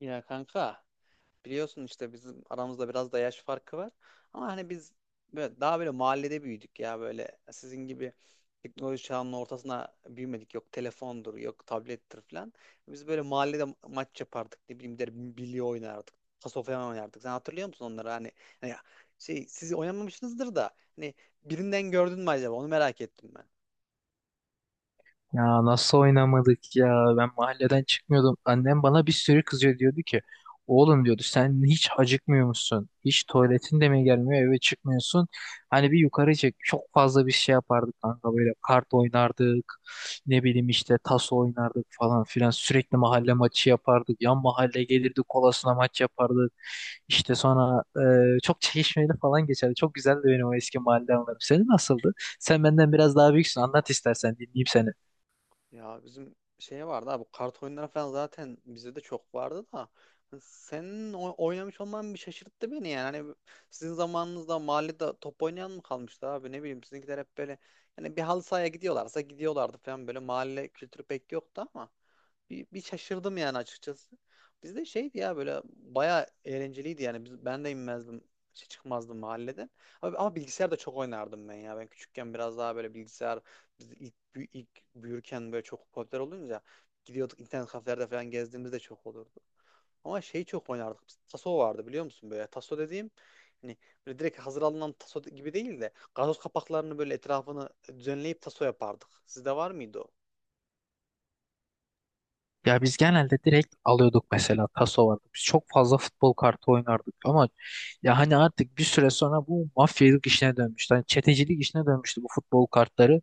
Ya kanka, biliyorsun işte bizim aramızda biraz da yaş farkı var. Ama hani biz böyle daha böyle mahallede büyüdük ya, böyle sizin gibi teknoloji çağının ortasına büyümedik. Yok telefondur, yok tablettir falan. Biz böyle mahallede maç yapardık. Ne bileyim der, bilye oynardık. Paso falan oynardık. Sen hatırlıyor musun onları? Hani, şey, siz oynamamışsınızdır da hani birinden gördün mü acaba? Onu merak ettim. Ya nasıl oynamadık ya? Ben mahalleden çıkmıyordum. Annem bana bir sürü kızıyor diyordu ki oğlum diyordu sen hiç acıkmıyor musun? Hiç tuvaletin de mi gelmiyor eve çıkmıyorsun? Hani bir yukarı çık. Çok fazla bir şey yapardık kanka böyle kart oynardık. Ne bileyim işte tas oynardık falan filan. Sürekli mahalle maçı yapardık. Yan mahalle gelirdi kolasına maç yapardık. İşte sonra çok çekişmeli falan geçerdi. Çok güzeldi benim o eski mahalle anılarım. Senin nasıldı? Sen benden biraz daha büyüksün. Anlat istersen dinleyeyim seni. Ya bizim şey vardı abi, kart oyunları falan zaten bizde de çok vardı da hani senin oynamış olman bir şaşırttı beni yani. Hani sizin zamanınızda mahallede top oynayan mı kalmıştı abi, ne bileyim, sizinkiler hep böyle hani bir halı sahaya gidiyorlarsa gidiyorlardı falan, böyle mahalle kültürü pek yoktu ama bir şaşırdım yani açıkçası. Bizde şeydi ya, böyle bayağı eğlenceliydi yani, biz, ben de inmezdim, şey, çıkmazdım mahalleden. Ama bilgisayar da çok oynardım ben ya, ben küçükken biraz daha böyle bilgisayar, biz ilk, ilk büyürken böyle çok popüler olunca gidiyorduk, internet kafelerde falan gezdiğimizde çok olurdu. Ama şey, çok oynardık. Biz, taso vardı, biliyor musun böyle. Taso dediğim, hani böyle direkt hazır alınan taso gibi değil de gazoz kapaklarını böyle etrafını düzenleyip taso yapardık. Sizde var mıydı o? Ya biz genelde direkt alıyorduk mesela taso vardı. Biz çok fazla futbol kartı oynardık ama ya hani artık bir süre sonra bu mafyalık işine dönmüştü. Hani çetecilik işine dönmüştü bu futbol kartları.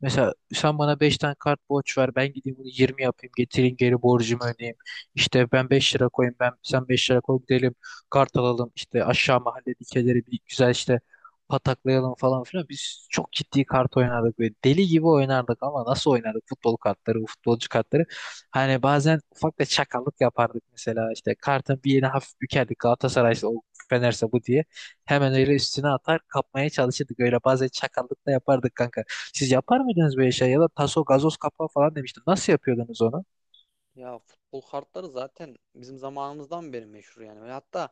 Mesela sen bana 5 tane kart borç ver ben gideyim bunu 20 yapayım getireyim geri borcumu ödeyeyim. İşte ben 5 lira koyayım ben sen 5 lira koy gidelim kart alalım işte aşağı mahalle dikeleri bir güzel işte pataklayalım falan filan. Biz çok ciddi kart oynardık ve deli gibi oynardık ama nasıl oynardık futbol kartları, bu futbolcu kartları. Hani bazen ufak da çakallık yapardık mesela işte kartın bir yerine hafif bükerdik Galatasaray'sa o Fener'se bu diye. Hemen öyle üstüne atar kapmaya çalışırdık öyle bazen çakallık da yapardık kanka. Siz yapar mıydınız böyle şey ya da taso gazoz kapağı falan demiştim. Nasıl yapıyordunuz onu? Ya futbol kartları zaten bizim zamanımızdan beri meşhur yani. Ve hatta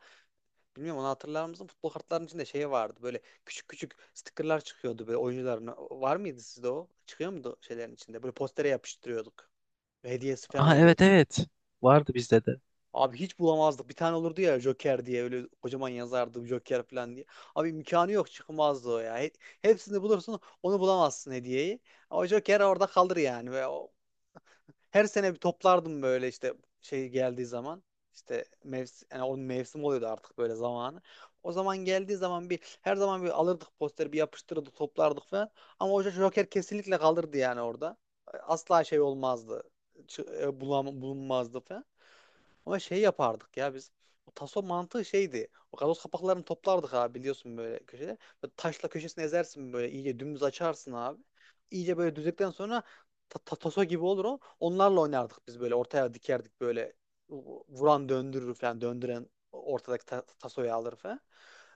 bilmiyorum, onu hatırlar mısın? Futbol kartlarının içinde şey vardı. Böyle küçük küçük stickerlar çıkıyordu, böyle oyuncuların. Var mıydı sizde o? Çıkıyor muydu şeylerin içinde? Böyle postere yapıştırıyorduk. Hediyesi falan Aha, evet oluyordu. evet, vardı bizde de. Abi hiç bulamazdık. Bir tane olurdu ya, Joker diye, öyle kocaman yazardı Joker falan diye. Abi imkanı yok çıkmazdı o ya. Hepsini bulursun, onu bulamazsın, hediyeyi. O Joker orada kalır yani. Ve her sene bir toplardım böyle işte şey geldiği zaman. İşte mevsim, yani onun mevsim oluyordu artık böyle zamanı. O zaman geldiği zaman bir, her zaman bir alırdık posteri, bir yapıştırırdık, toplardık falan. Ama o Joker kesinlikle kalırdı yani orada. Asla şey olmazdı. Bulunmazdı falan. Ama şey yapardık ya biz. O taso mantığı şeydi. O gazoz kapaklarını toplardık abi, biliyorsun böyle köşede. Böyle taşla köşesini ezersin, böyle iyice dümdüz açarsın abi. İyice böyle düzdükten sonra taso gibi olur o. Onlarla oynardık biz, böyle ortaya dikerdik böyle, vuran döndürür falan, döndüren ortadaki tasoyu alır falan.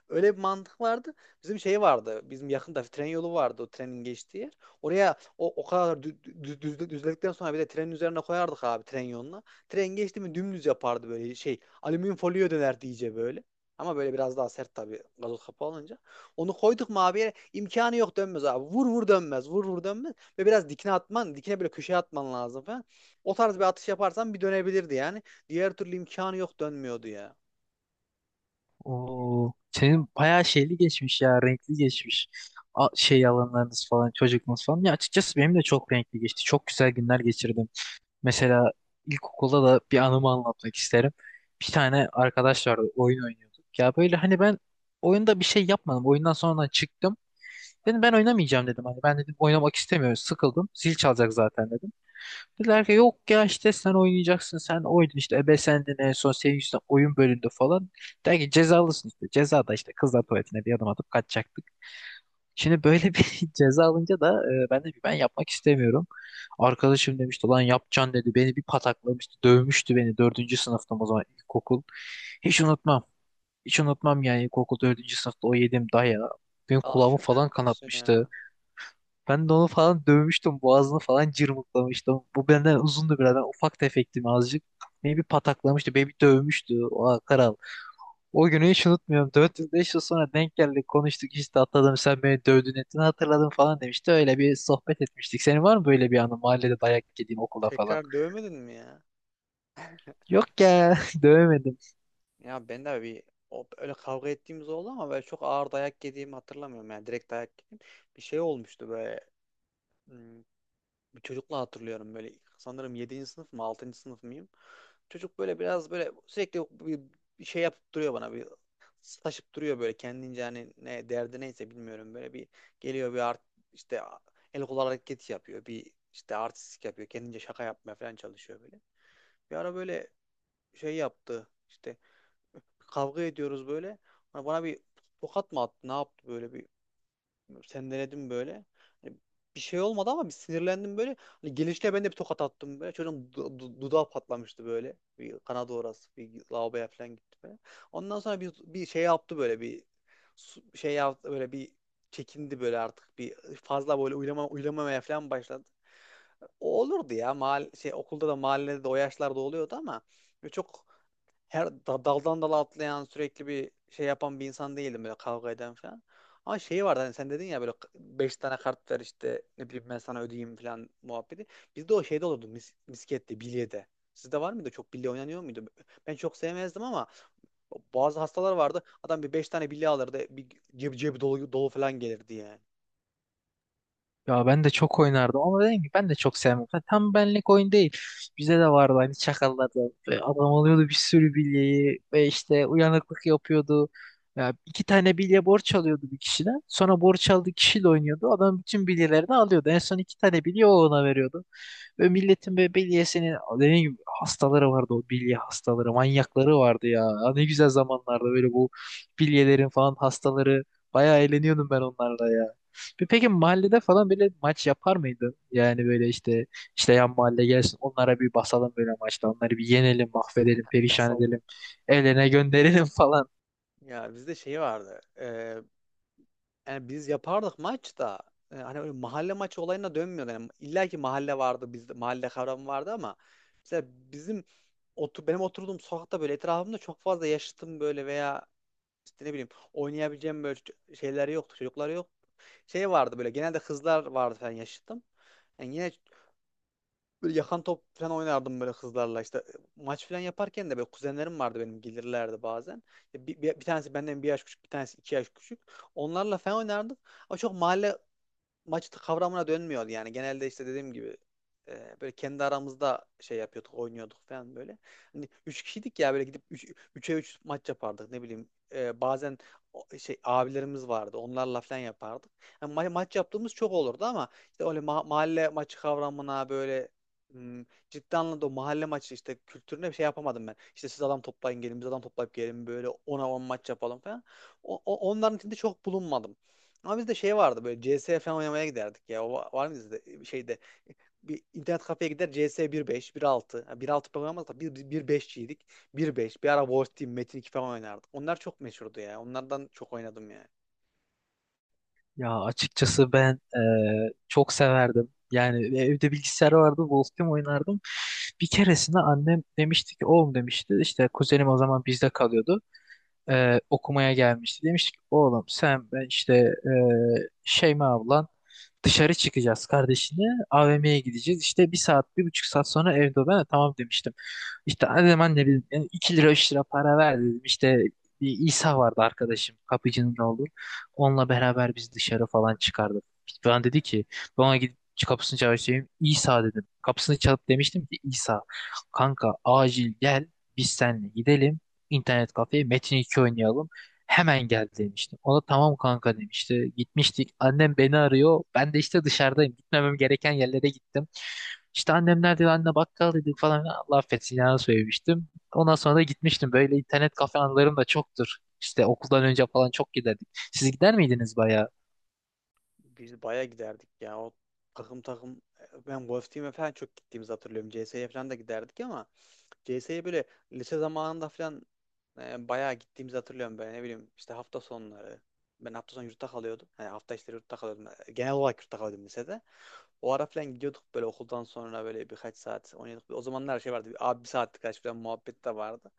Öyle bir mantık vardı. Bizim şey vardı. Bizim yakında tren yolu vardı, o trenin geçtiği yer. Oraya o kadar düzledikten sonra bir de trenin üzerine koyardık abi, tren yoluna. Tren geçti mi dümdüz yapardı böyle şey, alüminyum folyoya dönerdi iyice böyle. Ama böyle biraz daha sert tabii, gazoz kapağı olunca. Onu koyduk mu abi yere, imkanı yok dönmez abi. Vur vur dönmez. Vur vur dönmez. Ve biraz dikine atman, dikine böyle köşeye atman lazım falan. O tarz bir atış yaparsan bir dönebilirdi yani. Diğer türlü imkanı yok dönmüyordu ya. Oo, senin bayağı şeyli geçmiş ya, renkli geçmiş. Şey alanlarınız falan, çocukluğunuz falan. Ya açıkçası benim de çok renkli geçti. Çok güzel günler geçirdim. Mesela ilkokulda da bir anımı anlatmak isterim. Bir tane arkadaş vardı, oyun oynuyorduk. Ya böyle hani ben oyunda bir şey yapmadım. Oyundan sonra çıktım. Dedim ben oynamayacağım dedim. Hani ben dedim oynamak istemiyorum, sıkıldım. Zil çalacak zaten dedim. Dediler ki yok ya işte sen oynayacaksın sen oyna işte ebe sendin en son senin yüzünden oyun bölündü falan. Der ki cezalısın işte ceza da işte kızlar tuvaletine bir adım atıp kaçacaktık. Şimdi böyle bir ceza alınca da ben de ben yapmak istemiyorum. Arkadaşım demişti lan yapacaksın dedi beni bir pataklamıştı dövmüştü beni dördüncü sınıftım o zaman ilkokul. Hiç unutmam, hiç unutmam yani ilkokul dördüncü sınıfta o yediğim dayağı benim Al, kulağımı şaka falan yapıyorsun kanatmıştı. ya. Ben de onu falan dövmüştüm. Boğazını falan cırmıklamıştım. Bu benden uzundu biraz. Ben ufak tefektim azıcık. Beni bir pataklamıştı. Beni bir dövmüştü. O Karal. O günü hiç unutmuyorum. 4-5 yıl beş yıl sonra denk geldik. Konuştuk işte atladım. Sen beni dövdün ettin hatırladım falan demişti. Öyle bir sohbet etmiştik. Senin var mı böyle bir anı? Mahallede Tek- dayak yediğin okula falan. tekrar dövmedin mi ya? Yok ya. Dövemedim. Ya ben de bir öyle kavga ettiğimiz oldu ama böyle çok ağır dayak yediğimi hatırlamıyorum yani, direkt dayak yedim. Bir şey olmuştu böyle. Hmm, bir çocukla hatırlıyorum böyle, sanırım yedinci sınıf mı, 6. sınıf mıyım? Çocuk böyle biraz böyle sürekli bir şey yapıp duruyor, bana bir taşıp duruyor böyle kendince, hani ne derdi neyse bilmiyorum, böyle bir geliyor, bir art, işte el kol hareketi yapıyor, bir işte artistik yapıyor kendince, şaka yapmaya falan çalışıyor böyle. Bir ara böyle şey yaptı, işte kavga ediyoruz böyle, bana bir tokat mı attı ne yaptı, böyle bir sen denedin böyle. Hani bir şey olmadı ama bir sinirlendim böyle. Hani gelişle ben de bir tokat attım böyle. Çocuğun dudağı patlamıştı böyle. Bir kanadı orası. Bir lavaboya falan gitti böyle. Ondan sonra bir şey yaptı böyle, bir şey yaptı böyle, bir çekindi böyle artık, bir fazla böyle uylamamaya falan başladı. O olurdu ya. Okulda da mahallede de o yaşlarda oluyordu ama böyle çok her daldan dala atlayan, sürekli bir şey yapan bir insan değildim böyle, kavga eden falan. Ama şeyi vardı, hani sen dedin ya, böyle beş tane kart ver işte, ne bileyim ben sana ödeyeyim falan muhabbeti. Bizde o şeyde olurdu, miskette, bilyede. Sizde var mıydı? Çok bilye oynanıyor muydu? Ben çok sevmezdim ama bazı hastalar vardı. Adam bir beş tane bilye alırdı. Bir cebi dolu, dolu falan gelirdi yani. Ya ben de çok oynardım ama dedim ki ben de çok sevmem. Ha, tam benlik oyun değil. Bize de vardı hani çakallardan. Ve adam alıyordu bir sürü bilyeyi ve işte uyanıklık yapıyordu. Ya 2 tane bilye borç alıyordu bir kişiden. Sonra borç aldığı kişiyle oynuyordu. Adam bütün bilyelerini alıyordu. En son 2 tane bilye o ona veriyordu. Ve milletin böyle bilyesinin dediğim gibi hastaları vardı o bilye hastaları manyakları vardı ya. Ya ne güzel zamanlarda böyle bu bilyelerin falan hastaları bayağı eğleniyordum ben onlarla ya. Peki mahallede falan böyle maç yapar mıydın? Yani böyle işte işte yan mahalle gelsin onlara bir basalım böyle maçta onları bir yenelim mahvedelim perişan Basalım. edelim eline gönderelim falan. Ya bizde şey vardı. Yani biz yapardık maç da, hani öyle mahalle maçı olayına dönmüyordu. Yani illa ki mahalle vardı, bizde mahalle kavramı vardı ama mesela bizim benim oturduğum sokakta böyle etrafımda çok fazla yaşıtım böyle veya işte ne bileyim oynayabileceğim böyle şeyler yoktu, çocuklar yok. Şey vardı böyle, genelde kızlar vardı falan yaşıtım. Yani yine böyle yakan top falan oynardım böyle kızlarla, işte maç falan yaparken de böyle kuzenlerim vardı benim, gelirlerdi bazen. Bir tanesi benden bir yaş küçük, bir tanesi iki yaş küçük. Onlarla falan oynardık. Ama çok mahalle maç kavramına dönmüyor yani. Genelde işte dediğim gibi böyle kendi aramızda şey yapıyorduk, oynuyorduk falan böyle. Hani 3 kişiydik ya, böyle gidip 3'e 3 maç yapardık ne bileyim. Bazen şey, abilerimiz vardı. Onlarla falan yapardık. Yani maç yaptığımız çok olurdu ama işte öyle mahalle maçı kavramına böyle, hmm, ciddi anlamda o mahalle maçı işte kültürüne bir şey yapamadım ben. İşte siz adam toplayın gelin, biz adam toplayıp gelin, böyle ona 10 maç yapalım falan. Onların içinde çok bulunmadım. Ama bizde şey vardı, böyle CS falan oynamaya giderdik ya. O var mı sizde, şeyde bir internet kafeye gider, CS 1.5, 1.6. Yani bir altı oynamadık da 1.5'çiydik. 1.5 bir beşçiydik. Bir beş, bir ara Wolf Team, Metin 2 falan oynardık. Onlar çok meşhurdu ya. Onlardan çok oynadım ya. Ya açıkçası ben çok severdim. Yani evde bilgisayar vardı, Wolf oynardım. Bir keresinde annem demişti ki, oğlum demişti, işte kuzenim o zaman bizde kalıyordu okumaya gelmişti. Demiştik oğlum sen ben işte Şeyma ablan dışarı çıkacağız kardeşini AVM'ye gideceğiz. İşte bir saat bir buçuk saat sonra evde ol. Ben de tamam demiştim. İşte hadi hemen ne bileyim yani 2 lira 3 lira para ver dedim. İşte bir İsa vardı arkadaşım kapıcının oğlu. Onunla beraber biz dışarı falan çıkardık. Ben dedi ki ben ona gidip kapısını çalışayım. İsa dedim. Kapısını çalıp demiştim ki İsa kanka acil gel biz seninle gidelim internet kafeye Metin 2 oynayalım. Hemen gel demiştim. Ona tamam kanka demişti. Gitmiştik. Annem beni arıyor. Ben de işte dışarıdayım. Gitmemem gereken yerlere gittim. İşte annem nerede? Anne bakkal dedik falan. Allah affetsin ya söylemiştim. Ondan sonra da gitmiştim. Böyle internet kafe anılarım da çoktur. İşte okuldan önce falan çok giderdik. Siz gider miydiniz bayağı? Biz baya giderdik ya. O takım takım, ben Wolf Team'e falan çok gittiğimizi hatırlıyorum. CS'ye falan da giderdik ama CS'ye böyle lise zamanında falan bayağı gittiğimizi hatırlıyorum, böyle ne bileyim işte hafta sonları. Ben hafta sonu yurtta kalıyordum. Yani hafta içleri yurtta kalıyordum. Genel olarak yurtta kalıyordum lisede. O ara falan gidiyorduk böyle okuldan sonra, böyle birkaç saat oynuyorduk. O zamanlar her şey vardı. Bir, abi bir saatlik kaç falan muhabbet de vardı.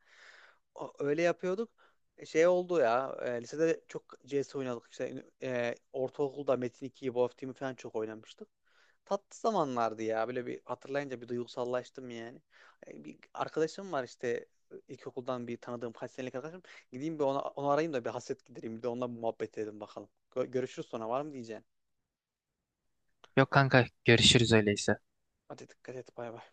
Öyle yapıyorduk. Şey oldu ya, lisede çok CS oynadık. İşte ortaokulda Metin 2'yi, Wolf Team'i falan çok oynamıştık. Tatlı zamanlardı ya. Böyle bir hatırlayınca bir duygusallaştım yani. Bir arkadaşım var işte, ilkokuldan bir tanıdığım, kaç senelik arkadaşım. Gideyim bir ona, onu arayayım da bir hasret gidereyim. Bir de onunla bir muhabbet edelim bakalım. Görüşürüz sonra var mı diyeceğim. Yok kanka, görüşürüz öyleyse. Hadi dikkat et, bay bay.